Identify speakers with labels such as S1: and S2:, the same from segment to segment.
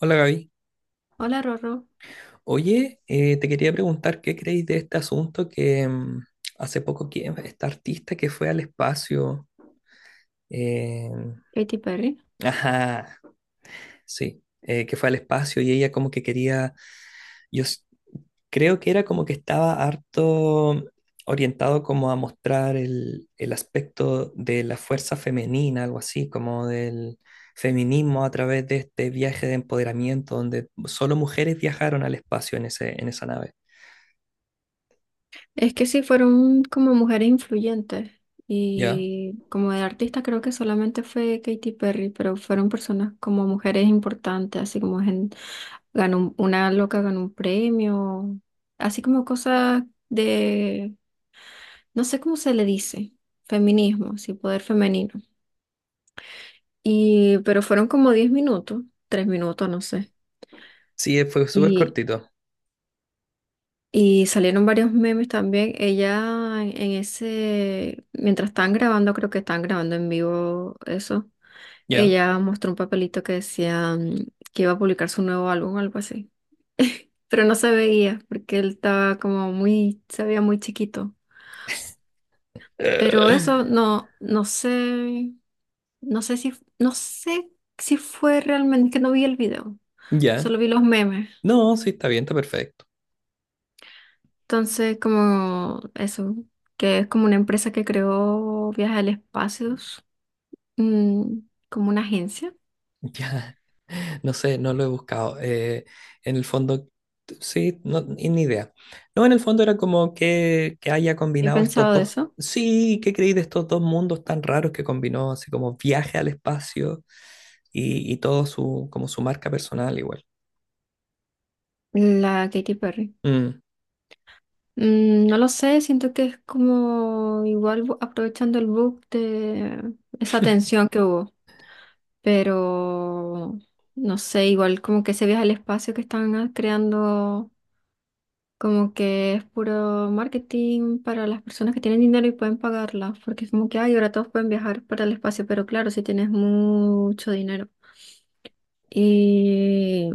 S1: Hola Gaby.
S2: Hola Rorro,
S1: Oye, te quería preguntar qué creéis de este asunto que hace poco que esta artista que fue al espacio, eh,
S2: Katy Perry.
S1: ajá, sí, que fue al espacio y ella como que quería, yo s- creo que era como que estaba harto orientado como a mostrar el aspecto de la fuerza femenina, algo así, como del feminismo a través de este viaje de empoderamiento donde solo mujeres viajaron al espacio en esa nave.
S2: Es que sí, fueron como mujeres influyentes
S1: ¿Ya?
S2: y como de artista creo que solamente fue Katy Perry, pero fueron personas como mujeres importantes, así como ganó una loca ganó un premio, así como cosas de, no sé cómo se le dice, feminismo, sí, poder femenino. Y, pero fueron como 10 minutos, 3 minutos, no sé.
S1: Sí, fue súper cortito.
S2: Y salieron varios memes también. Ella en ese, mientras estaban grabando, creo que estaban grabando en vivo eso.
S1: Ya.
S2: Ella mostró un papelito que decía que iba a publicar su nuevo álbum o algo así. Pero no se veía porque él estaba como muy, se veía muy chiquito. Pero
S1: Eh,
S2: eso no, no sé si, no sé si fue realmente, es que no vi el video, solo
S1: Ya.
S2: vi los memes.
S1: No, sí, está bien, está perfecto.
S2: Entonces, como eso, que es como una empresa que creó Viajes al Espacio, mm, como una agencia.
S1: Ya. No sé, no lo he buscado. En el fondo, sí, no, ni idea. No, en el fondo era como que, haya
S2: Yo he
S1: combinado estos
S2: pensado de
S1: dos.
S2: eso,
S1: Sí, ¿qué creí de estos dos mundos tan raros que combinó? Así como viaje al espacio y todo su, como su marca personal igual.
S2: la Katy Perry.
S1: Mm,
S2: Mm, no lo sé, siento que es como igual aprovechando el book de esa tensión que hubo, pero no sé, igual como que ese viaje al espacio que están creando. Como que es puro marketing para las personas que tienen dinero y pueden pagarla, porque es como que, ay, ahora todos pueden viajar para el espacio, pero claro, si tienes mucho dinero. Y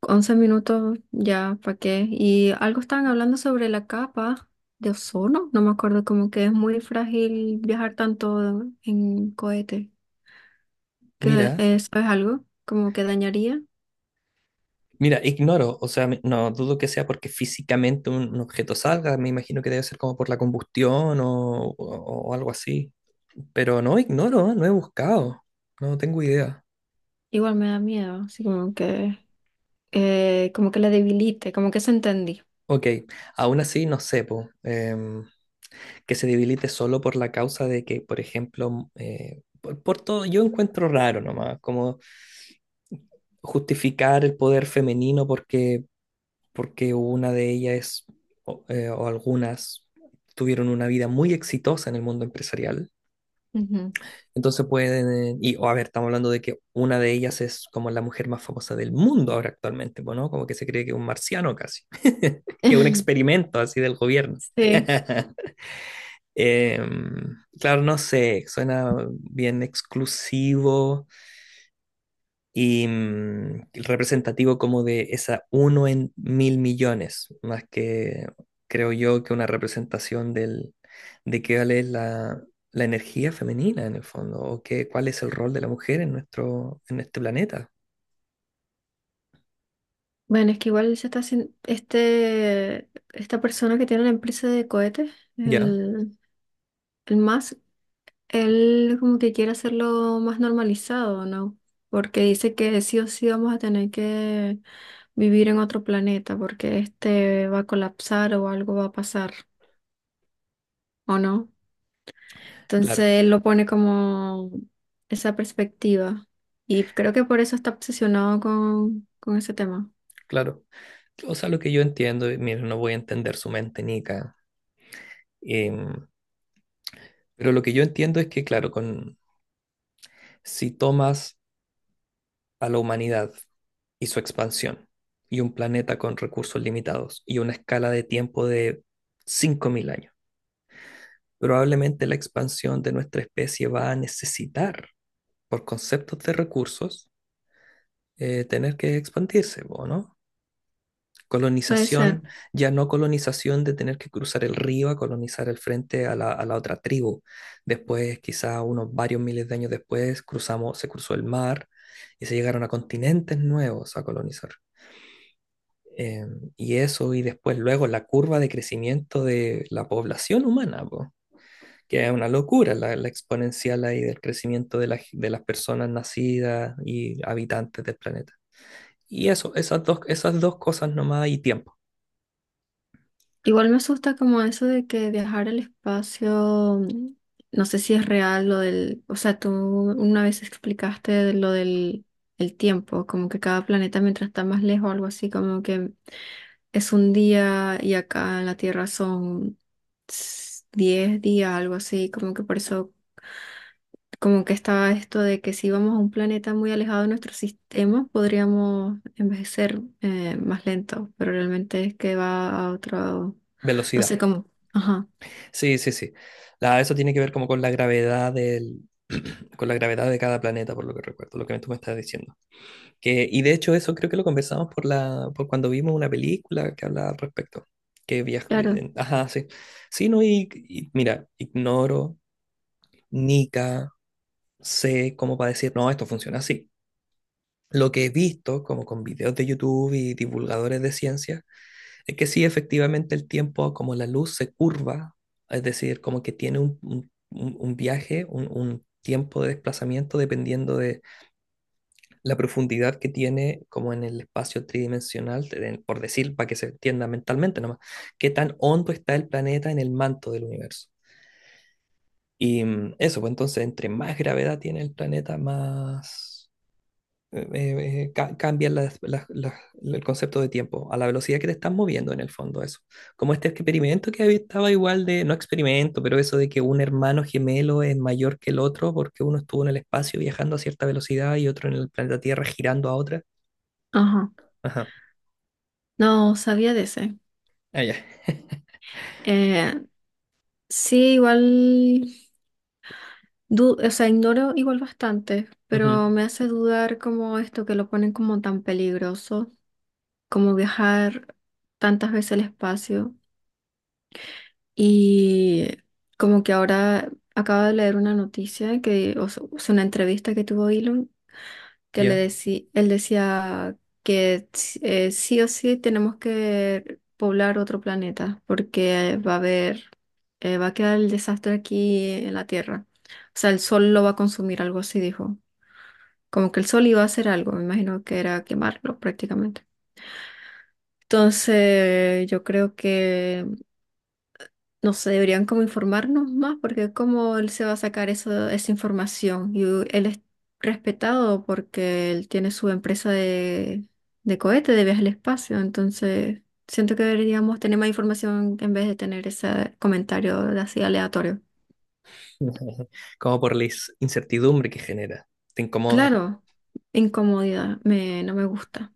S2: 11 minutos ya, ¿para qué? Y algo estaban hablando sobre la capa de ozono, no me acuerdo, como que es muy frágil viajar tanto en cohete, que
S1: Mira.
S2: eso es algo como que dañaría.
S1: Mira, ignoro, o sea, no dudo que sea porque físicamente un objeto salga, me imagino que debe ser como por la combustión o algo así. Pero no ignoro, no he buscado, no tengo idea.
S2: Igual me da miedo, así como que la debilite, como que se entendí.
S1: Ok, aún así no sé, po, que se debilite solo por la causa de que, por ejemplo, por todo, yo encuentro raro nomás, como justificar el poder femenino porque una de ellas o algunas tuvieron una vida muy exitosa en el mundo empresarial. Entonces pueden, y o a ver, estamos hablando de que una de ellas es como la mujer más famosa del mundo ahora actualmente, pues, ¿no? Como que se cree que es un marciano casi, que es un experimento así del gobierno.
S2: Sí.
S1: Eh, claro, no sé, suena bien exclusivo, y representativo como de esa uno en mil millones, más que creo yo que una representación del, de qué vale la energía femenina en el fondo, o qué, cuál es el rol de la mujer en este planeta.
S2: Bueno, es que igual se está haciendo este, esta persona que tiene la empresa de cohetes,
S1: Ya,
S2: el, el más, él como que quiere hacerlo más normalizado, ¿no? Porque dice que sí o sí vamos a tener que vivir en otro planeta, porque este va a colapsar o algo va a pasar, ¿o no? Entonces
S1: claro,
S2: él lo pone como esa perspectiva. Y creo que por eso está obsesionado con ese tema.
S1: claro. O sea, lo que yo entiendo, y mira, no voy a entender su mente, Nica, em, pero lo que yo entiendo es que, claro, si tomas a la humanidad y su expansión, y un planeta con recursos limitados, y una escala de tiempo de 5.000 años. Probablemente la expansión de nuestra especie va a necesitar, por conceptos de recursos, tener que expandirse, ¿o no?
S2: Puede ser.
S1: Colonización, ya no colonización de tener que cruzar el río a colonizar el frente a la otra tribu. Después, quizá unos varios miles de años después, cruzamos, se cruzó el mar y se llegaron a continentes nuevos a colonizar. Eh, y eso, y después luego la curva de crecimiento de la población humana, po, que es una locura la exponencial ahí del crecimiento de las personas nacidas y habitantes del planeta. Y eso, esas dos cosas nomás y tiempo,
S2: Igual me asusta como eso de que viajar al espacio, no sé si es real lo del, o sea, tú una vez explicaste de lo del el tiempo, como que cada planeta mientras está más lejos, algo así, como que es un día y acá en la Tierra son 10 días, algo así, como que por eso como que estaba esto de que si íbamos a un planeta muy alejado de nuestro sistema, podríamos envejecer más lento, pero realmente es que va a otro, no
S1: velocidad.
S2: sé cómo. Ajá,
S1: Sí, sí, sí. Eso tiene que ver como con la gravedad con la gravedad de cada planeta, por lo que recuerdo, lo que tú me estás diciendo. Y de hecho eso creo que lo conversamos por por cuando vimos una película que hablaba al respecto. Que viaja,
S2: claro,
S1: ajá, sí. Sí, no, y mira, ignoro, nica, sé cómo para decir, no, esto funciona así. Lo que he visto, como con videos de YouTube y divulgadores de ciencia, es que sí, efectivamente el tiempo, como la luz se curva, es decir, como que tiene un viaje, un tiempo de desplazamiento dependiendo la profundidad que tiene como en el espacio tridimensional, por decir, para que se entienda mentalmente nomás, qué tan hondo está el planeta en el manto del universo. Y eso, pues entonces, entre más gravedad tiene el planeta, más cambia el concepto de tiempo, a la velocidad que te estás moviendo en el fondo, eso. Como este experimento estaba igual de, no experimento, pero eso de que un hermano gemelo es mayor que el otro porque uno estuvo en el espacio viajando a cierta velocidad y otro en el planeta Tierra girando a otra.
S2: ajá.
S1: Ajá.
S2: No sabía de ese.
S1: Ah, ya.
S2: Eh, sí, igual, o sea, ignoro igual bastante,
S1: Ujú.
S2: pero me hace dudar como esto que lo ponen como tan peligroso, como viajar tantas veces al espacio. Y como que ahora acabo de leer una noticia que, o sea, o una entrevista que tuvo Elon, que le
S1: Ya.
S2: decía, él decía que sí o sí tenemos que poblar otro planeta porque va a haber, va a quedar el desastre aquí en la Tierra. O sea, el sol lo va a consumir, algo así dijo. Como que el sol iba a hacer algo, me imagino que era quemarlo prácticamente. Entonces, yo creo que no sé, deberían como informarnos más, porque cómo él se va a sacar eso, esa información. Y él es respetado porque él tiene su empresa de cohete, de viaje al espacio. Entonces, siento que deberíamos tener más información en vez de tener ese comentario así aleatorio.
S1: Como por la incertidumbre que genera. Te incomoda.
S2: Claro, incomodidad, me, no me gusta.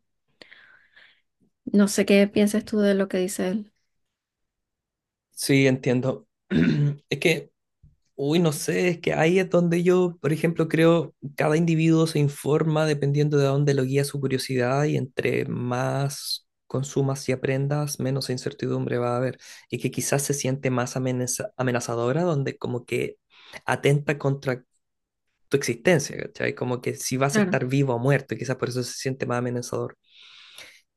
S2: No sé qué piensas tú de lo que dice él.
S1: Sí, entiendo. Es que, uy, no sé, es que ahí es donde yo, por ejemplo, creo cada individuo se informa dependiendo de dónde lo guía su curiosidad y entre más consumas y aprendas, menos incertidumbre va a haber. Y que quizás se siente más amenazadora, donde como que atenta contra tu existencia, ¿cachai? Como que si vas a
S2: Claro.
S1: estar vivo o muerto, y quizás por eso se siente más amenazador.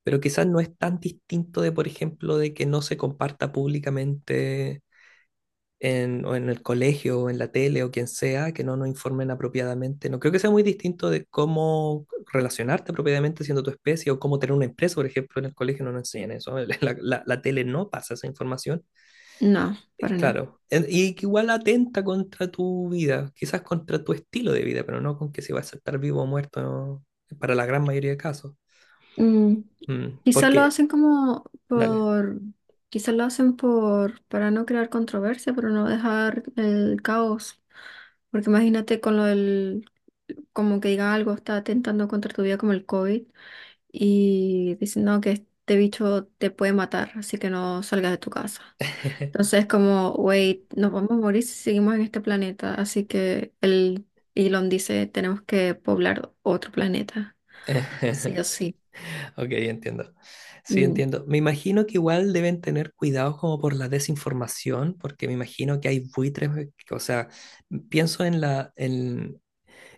S1: Pero quizás no es tan distinto de, por ejemplo, de que no se comparta públicamente o en el colegio o en la tele o quien sea, que no nos informen apropiadamente. No creo que sea muy distinto de cómo relacionarte apropiadamente siendo tu especie o cómo tener una empresa, por ejemplo, en el colegio no nos enseñan eso. La tele no pasa esa información.
S2: No, para nada.
S1: Claro, y que igual atenta contra tu vida, quizás contra tu estilo de vida, pero no con que si vas a estar vivo o muerto, ¿no? Para la gran mayoría de casos.
S2: Mm, quizás lo
S1: Porque,
S2: hacen como
S1: dale.
S2: por, quizás lo hacen por, para no crear controversia, pero no dejar el caos. Porque imagínate con lo del, como que diga algo, está atentando contra tu vida como el COVID y dicen, no, que este bicho te puede matar, así que no salgas de tu casa. Entonces como, wait, nos vamos a morir si seguimos en este planeta. Así que el Elon dice, tenemos que poblar otro planeta, sí o sí.
S1: Ok, entiendo. Sí,
S2: Mm.
S1: entiendo. Me imagino que igual deben tener cuidado como por la desinformación, porque me imagino que hay buitres, o sea, pienso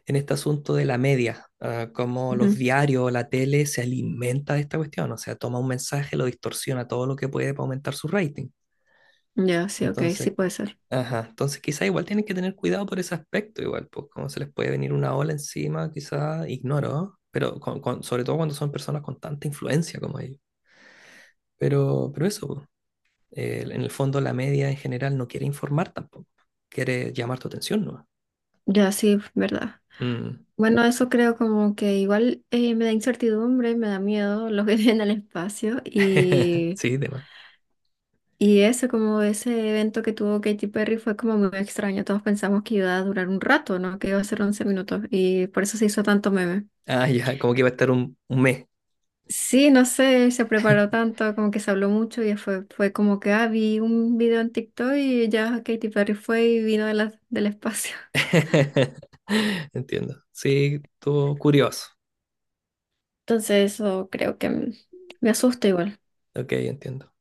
S1: en este asunto de la media, ah, como los diarios, la tele se alimenta de esta cuestión, o sea, toma un mensaje, lo distorsiona todo lo que puede para aumentar su rating.
S2: Ya, sí, ok, sí
S1: Entonces,
S2: puede ser.
S1: ajá, entonces quizá igual tienen que tener cuidado por ese aspecto, igual, pues como se les puede venir una ola encima, quizá ignoro, pero sobre todo cuando son personas con tanta influencia como ellos. Pero eso, po. En el fondo la media en general no quiere informar tampoco, quiere llamar tu atención, ¿no?
S2: Ya, sí, verdad.
S1: Mm.
S2: Bueno, eso creo como que igual me da incertidumbre, me da miedo lo que viene al espacio
S1: Sí, demás.
S2: y eso, como ese evento que tuvo Katy Perry fue como muy extraño. Todos pensamos que iba a durar un rato, ¿no? Que iba a ser 11 minutos y por eso se hizo tanto meme.
S1: Ah, ya, como que iba a estar un mes.
S2: Sí, no sé, se preparó tanto, como que se habló mucho y fue, fue como que, ah, vi un video en TikTok y ya Katy Perry fue y vino de del espacio.
S1: Entiendo. Sí, estuvo curioso.
S2: Entonces eso creo que me asusta igual.
S1: Ok, entiendo.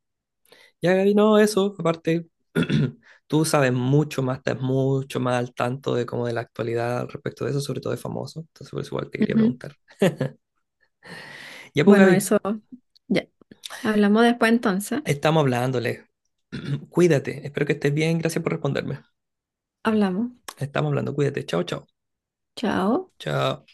S1: Ya, Gaby, no, eso, aparte, tú sabes mucho más, estás mucho más al tanto de como de la actualidad al respecto de eso, sobre todo de famoso. Entonces, por eso igual te quería
S2: Ujú.
S1: preguntar. Ya, pues,
S2: Bueno,
S1: Gaby,
S2: eso ya. Hablamos después entonces.
S1: estamos hablándole. Cuídate, espero que estés bien, gracias por responderme.
S2: Hablamos.
S1: Estamos hablando, cuídate. Chao, chao.
S2: Chao.
S1: Chao.